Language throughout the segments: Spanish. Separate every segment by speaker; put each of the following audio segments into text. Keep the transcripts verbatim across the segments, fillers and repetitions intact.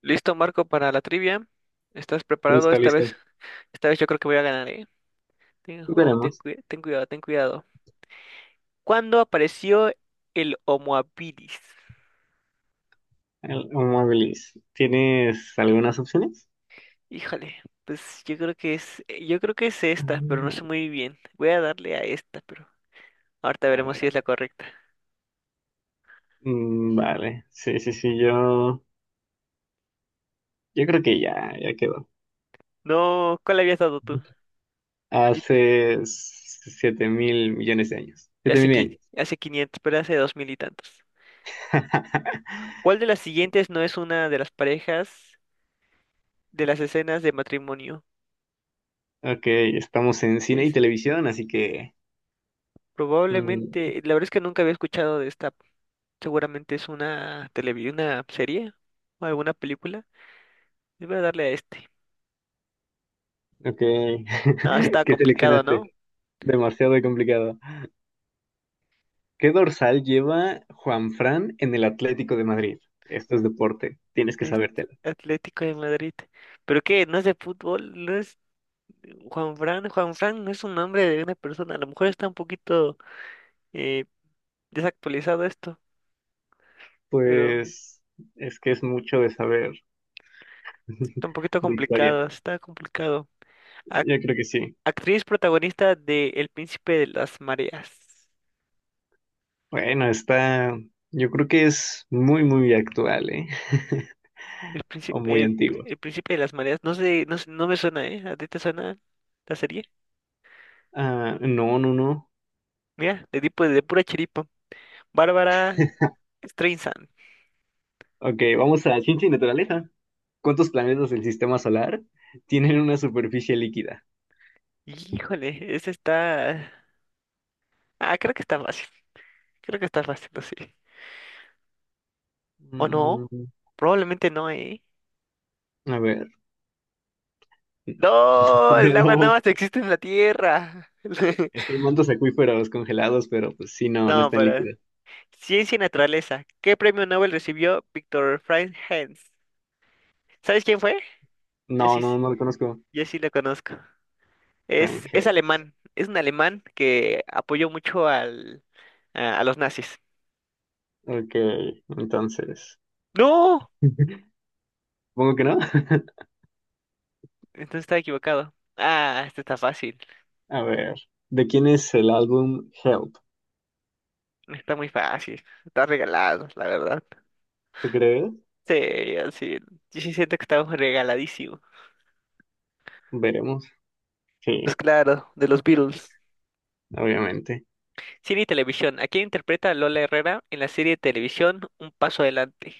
Speaker 1: Listo, Marco, para la trivia. ¿Estás preparado?
Speaker 2: Listo,
Speaker 1: Esta vez,
Speaker 2: listo.
Speaker 1: esta vez yo creo que voy a ganar, ¿eh? Ten, oh, ten,
Speaker 2: Veremos.
Speaker 1: cui- ten cuidado, ten cuidado. ¿Cuándo apareció el Homo habilis?
Speaker 2: El Mobilis. ¿Tienes algunas opciones?
Speaker 1: Híjole, pues yo creo que es, eh, yo creo que es esta, pero
Speaker 2: Mm,
Speaker 1: no sé muy bien. Voy a darle a esta, pero ahorita
Speaker 2: a
Speaker 1: veremos si
Speaker 2: ver.
Speaker 1: es la correcta.
Speaker 2: Mm, vale. Sí, sí, sí. Yo, yo creo que ya, ya quedó.
Speaker 1: No, ¿cuál habías dado tú? Y-
Speaker 2: Hace siete mil millones de años.
Speaker 1: y
Speaker 2: Siete
Speaker 1: hace,
Speaker 2: mil
Speaker 1: qui-
Speaker 2: años.
Speaker 1: hace quinientos, pero hace dos mil y tantos. ¿Cuál de las siguientes no es una de las parejas de las escenas de matrimonio?
Speaker 2: Ok, estamos en cine y televisión, así que. mm,
Speaker 1: Probablemente, la verdad es que nunca había escuchado de esta. Seguramente es una televi- una serie o alguna película. Y Voy a darle a este.
Speaker 2: ok.
Speaker 1: No, está
Speaker 2: ¿Qué
Speaker 1: complicado,
Speaker 2: seleccionaste?
Speaker 1: ¿no?
Speaker 2: Demasiado complicado. ¿Qué dorsal lleva Juanfran en el Atlético de Madrid? Esto es deporte, tienes que
Speaker 1: Es
Speaker 2: sabértelo.
Speaker 1: Atlético de Madrid. ¿Pero qué? ¿No es de fútbol? ¿No es Juan Fran? Juan Fran no es un nombre de una persona. A lo mejor está un poquito eh, desactualizado esto, pero
Speaker 2: Pues es que es mucho de saber
Speaker 1: está un poquito
Speaker 2: de historia.
Speaker 1: complicado. Está complicado. Ac-
Speaker 2: Yo creo que sí.
Speaker 1: actriz protagonista de El Príncipe de las Mareas.
Speaker 2: Bueno, está, yo creo que es muy, muy actual, ¿eh?
Speaker 1: El
Speaker 2: O
Speaker 1: príncipe,
Speaker 2: muy
Speaker 1: el,
Speaker 2: antiguo.
Speaker 1: el príncipe de las mareas. No sé, no, sé- no me suena, ¿eh? ¿A ti te suena la serie?
Speaker 2: Ah, no, no, no.
Speaker 1: Mira, de tipo de pura chiripa. Bárbara Streisand.
Speaker 2: Ok, vamos a ciencia y naturaleza. ¿Cuántos planetas del sistema solar tienen una superficie líquida?
Speaker 1: Híjole, ese está. Ah, creo que está fácil. Creo que está fácil, no sé. ¿O no?
Speaker 2: Mm,
Speaker 1: Probablemente no, ¿eh?
Speaker 2: a ver.
Speaker 1: ¡No! El agua nada
Speaker 2: No,
Speaker 1: más existe en la tierra.
Speaker 2: es que hay mantos acuíferos congelados, pero pues sí, no, no
Speaker 1: No,
Speaker 2: están
Speaker 1: pero.
Speaker 2: líquidos.
Speaker 1: Ciencia y naturaleza. ¿Qué premio Nobel recibió Victor Frank Hens? ¿Sabes quién fue? Yo
Speaker 2: No,
Speaker 1: sí,
Speaker 2: no, no lo conozco.
Speaker 1: yo sí lo conozco. Es, es
Speaker 2: Frangel.
Speaker 1: alemán, es un alemán que apoyó mucho al, a, a los nazis.
Speaker 2: Ok, entonces.
Speaker 1: ¡No!
Speaker 2: Supongo que no.
Speaker 1: Entonces estaba equivocado. Ah, este está fácil,
Speaker 2: A ver, ¿de quién es el álbum Help?
Speaker 1: está muy fácil, está regalado, la verdad.
Speaker 2: ¿Tú crees?
Speaker 1: Sí, así, yo sí siento que estamos regaladísimo.
Speaker 2: Veremos.
Speaker 1: Pues
Speaker 2: Sí,
Speaker 1: claro, de los Beatles.
Speaker 2: obviamente.
Speaker 1: Cine y televisión. ¿A quién interpreta a Lola Herrera en la serie de televisión Un Paso Adelante?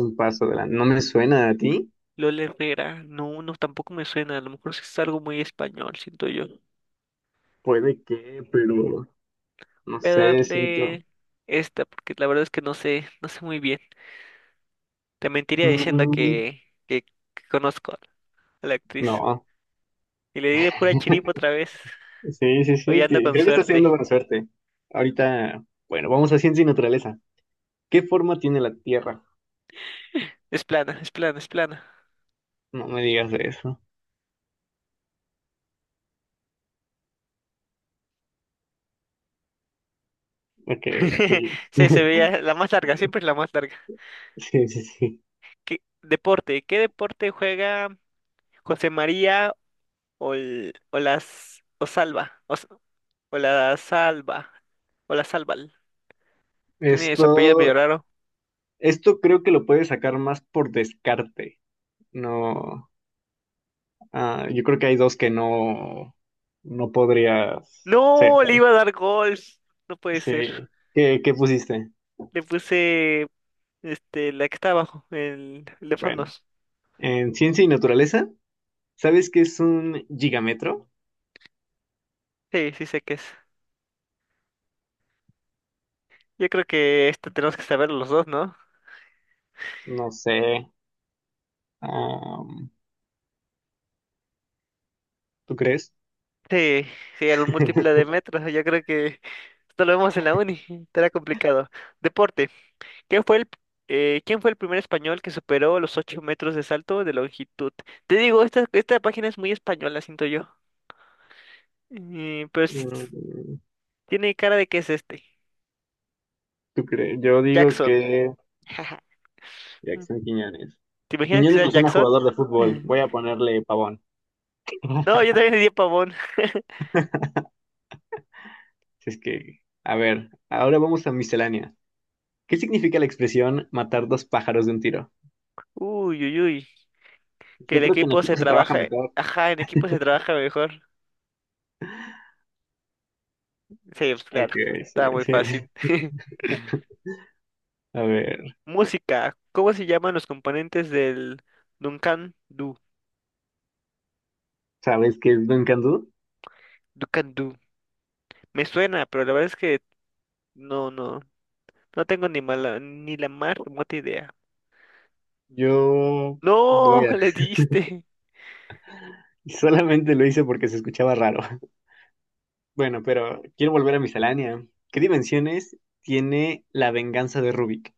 Speaker 2: Un paso de la... No me suena a ti.
Speaker 1: Lola Herrera, no, no, tampoco me suena, a lo mejor sí es algo muy español, siento yo.
Speaker 2: Puede que, pero no
Speaker 1: Voy a
Speaker 2: sé, siento...
Speaker 1: darle esta porque la verdad es que no sé, no sé muy bien. Te mentiría diciendo
Speaker 2: Mm,
Speaker 1: que, que, que conozco a la actriz.
Speaker 2: no.
Speaker 1: Y le di de pura chiripa otra vez.
Speaker 2: Sí, sí,
Speaker 1: Hoy
Speaker 2: sí.
Speaker 1: ando
Speaker 2: ti-
Speaker 1: con
Speaker 2: Creo que estás teniendo
Speaker 1: suerte.
Speaker 2: buena suerte. Ahorita, bueno, vamos a ciencia y naturaleza. ¿Qué forma tiene la Tierra?
Speaker 1: Es plana, es plana, es plana.
Speaker 2: No me digas de eso. Ok, sí.
Speaker 1: Sí, se veía la más larga, siempre es la más larga.
Speaker 2: Sí, sí, sí.
Speaker 1: ¿Qué deporte? ¿Qué deporte juega José María o, el- o las o Salva? O, s- o la Salva. O la Salval. Tiene su apellido medio
Speaker 2: Esto,
Speaker 1: raro.
Speaker 2: esto creo que lo puedes sacar más por descarte. No, ah, yo creo que hay dos que no, no podrías ser,
Speaker 1: No, le
Speaker 2: ¿sabes?
Speaker 1: iba a dar gol. No puede ser.
Speaker 2: Sí. ¿Qué, qué pusiste?
Speaker 1: Le puse este, la que está abajo, el, el de
Speaker 2: Bueno,
Speaker 1: fondos.
Speaker 2: en ciencia y naturaleza, ¿sabes qué es un gigametro?
Speaker 1: Sí, sí sé qué es. Yo creo que esto tenemos que saber los dos, ¿no?
Speaker 2: No sé. am, ¿Tú crees?
Speaker 1: Sí, sí, era un múltiple de metros. Yo creo que esto lo vemos en la uni. Estará complicado. Deporte. ¿Quién fue el, eh, quién fue el primer español que superó los ocho metros de salto de longitud. Te digo, esta, esta página es muy española, siento yo. Eh, pero sí-
Speaker 2: Mm,
Speaker 1: tiene cara de que es este.
Speaker 2: ¿Tú crees? Yo digo
Speaker 1: Jackson.
Speaker 2: que Jackson Quiñones.
Speaker 1: ¿Te imaginas que
Speaker 2: Quiñones
Speaker 1: sea
Speaker 2: lo llama
Speaker 1: Jackson?
Speaker 2: jugador de fútbol. Voy a ponerle pavón.
Speaker 1: No, yo también le di a Pavón.
Speaker 2: Si es que, a ver, ahora vamos a miscelánea. ¿Qué significa la expresión matar dos pájaros de un tiro?
Speaker 1: Uy, uy, uy. Que
Speaker 2: Yo
Speaker 1: el
Speaker 2: creo que en
Speaker 1: equipo se
Speaker 2: equipo se trabaja
Speaker 1: trabaja. eh,
Speaker 2: mejor.
Speaker 1: Ajá, en equipo se trabaja mejor. Sí, pues
Speaker 2: Ok,
Speaker 1: claro.
Speaker 2: sí,
Speaker 1: Está muy fácil.
Speaker 2: sí. A ver,
Speaker 1: Música. ¿Cómo se llaman los componentes del Duncan Du?
Speaker 2: ¿sabes qué es Dunkandú?
Speaker 1: Duncan Du. Me suena, pero la verdad es que no, no. No tengo ni mala, ni la más remota idea.
Speaker 2: Yo voy
Speaker 1: No,
Speaker 2: a...
Speaker 1: le diste.
Speaker 2: Solamente lo hice porque se escuchaba raro. Bueno, pero quiero volver a miscelánea. ¿Qué dimensiones tiene la venganza de Rubik?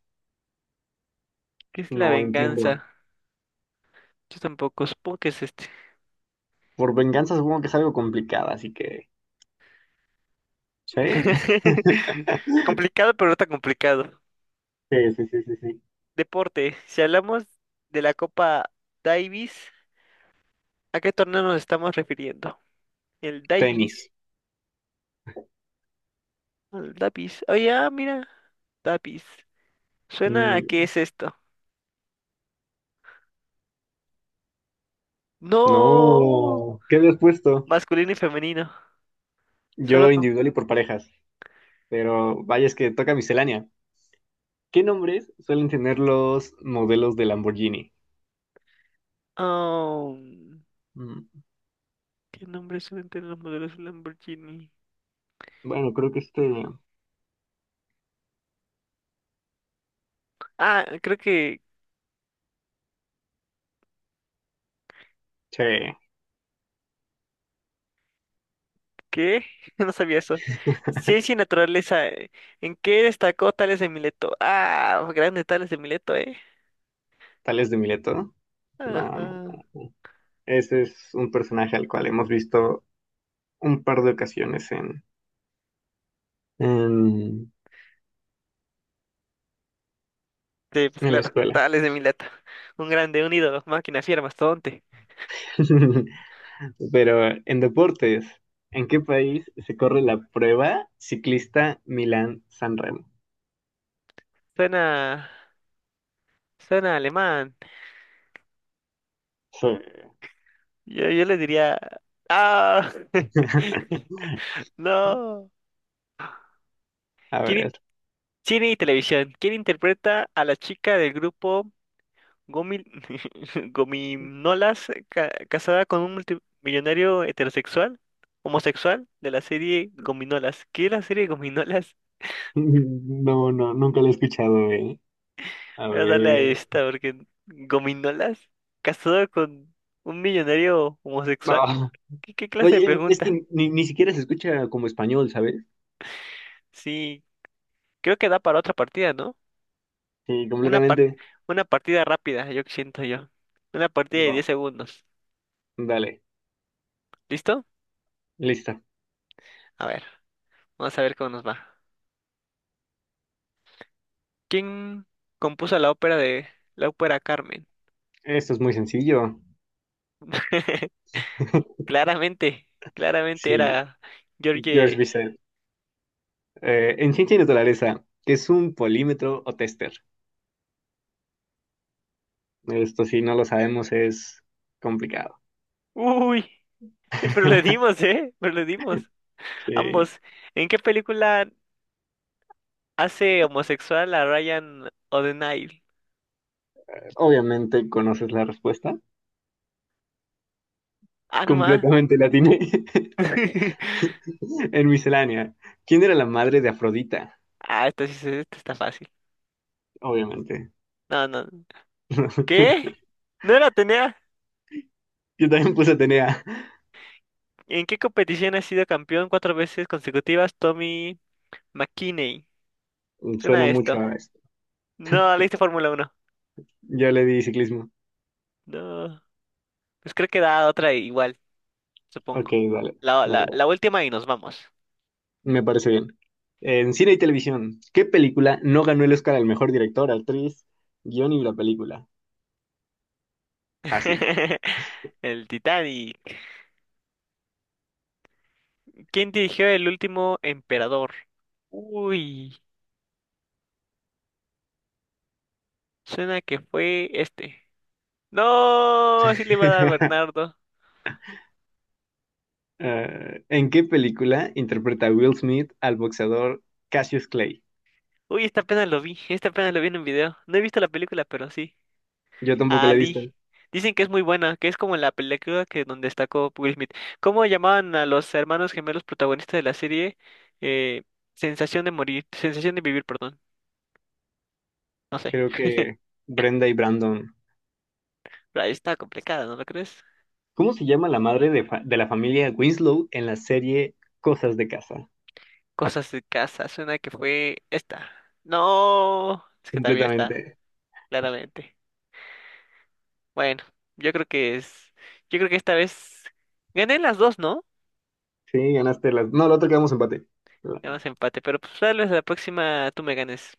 Speaker 1: ¿Qué es la
Speaker 2: No entiendo.
Speaker 1: venganza? Yo tampoco. Supongo que es este.
Speaker 2: Por venganza supongo que es algo complicada, así que... ¿Sí?
Speaker 1: Complicado, pero no tan complicado.
Speaker 2: Sí, sí, sí, sí, sí.
Speaker 1: Deporte. Si hablamos de la Copa Davis. ¿A qué torneo nos estamos refiriendo? El Davis.
Speaker 2: Tenis.
Speaker 1: El Davis. Oye, ah, mira. Davis. Suena a qué
Speaker 2: Mm,
Speaker 1: es esto. No.
Speaker 2: no. ¿Qué habías puesto?
Speaker 1: Masculino y femenino. Solo
Speaker 2: Yo
Speaker 1: con.
Speaker 2: individual y por parejas. Pero vaya, es que toca miscelánea. ¿Qué nombres suelen tener los modelos de Lamborghini?
Speaker 1: Oh,
Speaker 2: Mm,
Speaker 1: ¿qué nombres suelen tener los modelos Lamborghini?
Speaker 2: Bueno, creo que este...
Speaker 1: Ah, creo que.
Speaker 2: Che,
Speaker 1: ¿Qué? No sabía eso. Ciencia y naturaleza. eh. ¿En qué destacó Tales de Mileto? Ah, grande Tales de Mileto, ¿eh?
Speaker 2: Tales de Mileto. No, no.
Speaker 1: Ajá.
Speaker 2: Ese es un personaje al cual hemos visto un par de ocasiones en, en,
Speaker 1: Sí, pues
Speaker 2: en la
Speaker 1: claro,
Speaker 2: escuela.
Speaker 1: Tales de Mileto. Un grande, un ídolo, máquina fiera, mastodonte.
Speaker 2: Pero en deportes, ¿en qué país se corre la prueba ciclista Milán-San Remo?
Speaker 1: Suena, suena alemán.
Speaker 2: Sí.
Speaker 1: Yo, yo le diría, ah, no.
Speaker 2: A
Speaker 1: ¿Quién in-
Speaker 2: ver.
Speaker 1: Cine y televisión. ¿Quién interpreta a la chica del grupo Gomil Gominolas ca- casada con un multimillonario heterosexual, homosexual de la serie Gominolas? ¿Qué es la serie Gominolas?
Speaker 2: No, no, nunca lo he escuchado, eh. A
Speaker 1: Voy a darle a
Speaker 2: ver.
Speaker 1: esta porque Gominolas casado con un millonario homosexual.
Speaker 2: No.
Speaker 1: ¿Qué, qué clase de
Speaker 2: Oye, es
Speaker 1: pregunta?
Speaker 2: que ni, ni siquiera se escucha como español, ¿sabes?
Speaker 1: Sí. Creo que da para otra partida, ¿no?
Speaker 2: Sí,
Speaker 1: Una par-
Speaker 2: completamente.
Speaker 1: una partida rápida, yo que siento yo. Una partida de
Speaker 2: Va,
Speaker 1: diez segundos.
Speaker 2: dale,
Speaker 1: ¿Listo?
Speaker 2: listo.
Speaker 1: A ver, vamos a ver cómo nos va. ¿Quién compuso la ópera de la ópera Carmen?
Speaker 2: Esto es muy sencillo.
Speaker 1: Claramente, claramente
Speaker 2: Sí,
Speaker 1: era George.
Speaker 2: George Bizet. Eh, en ciencia y naturaleza, ¿qué es un polímetro o tester? Esto si no lo sabemos es complicado.
Speaker 1: Uy, pero le dimos, ¿eh? Pero le dimos.
Speaker 2: Sí,
Speaker 1: Ambos. ¿En qué película hace homosexual a Ryan O'Donnell?
Speaker 2: obviamente conoces la respuesta.
Speaker 1: Ah, no más.
Speaker 2: Completamente la tiene en miscelánea. ¿Quién era la madre de Afrodita?
Speaker 1: Ah, esto sí, se- esto está fácil.
Speaker 2: Obviamente.
Speaker 1: No, no. ¿Qué? ¿No la tenía?
Speaker 2: Yo también puse Atenea.
Speaker 1: ¿En qué competición ha sido campeón cuatro veces consecutivas Tommy McKinney? Suena
Speaker 2: Suena
Speaker 1: a
Speaker 2: mucho
Speaker 1: esto.
Speaker 2: a...
Speaker 1: No, leíste Fórmula Uno.
Speaker 2: Yo le di ciclismo.
Speaker 1: No. Pues creo que da otra igual,
Speaker 2: Ok,
Speaker 1: supongo.
Speaker 2: dale,
Speaker 1: La,
Speaker 2: dale,
Speaker 1: la, la
Speaker 2: dale.
Speaker 1: última y nos vamos.
Speaker 2: Me parece bien. En cine y televisión, ¿qué película no ganó el Oscar al mejor director, actriz, guión y la película? Fácil.
Speaker 1: El Titanic. ¿Quién dirigió el último emperador? Uy, suena que fue este. No, sí le iba a dar a Bernardo.
Speaker 2: Eh, ¿en qué película interpreta Will Smith al boxeador Cassius Clay?
Speaker 1: Uy, esta apenas lo vi, esta apenas lo vi en un video. No he visto la película, pero sí.
Speaker 2: Yo tampoco la he
Speaker 1: Ali.
Speaker 2: visto.
Speaker 1: Dicen que es muy buena, que es como la película que donde está destacó Will Smith. ¿Cómo llamaban a los hermanos gemelos protagonistas de la serie? Eh, sensación de morir, sensación de vivir, perdón. No sé.
Speaker 2: Creo que Brenda y Brandon.
Speaker 1: Pero ahí está complicada, ¿no lo crees?
Speaker 2: ¿Cómo se llama la madre de, fa- de la familia Winslow en la serie Cosas de Casa?
Speaker 1: Cosas de casa, suena que fue esta. No, es que también está,
Speaker 2: Completamente.
Speaker 1: claramente. Bueno, yo creo que es, yo creo que esta vez gané las dos, ¿no?
Speaker 2: Sí, ganaste las... No, la otra quedamos empate.
Speaker 1: Ganas empate, pero pues tal vez la próxima tú me ganes.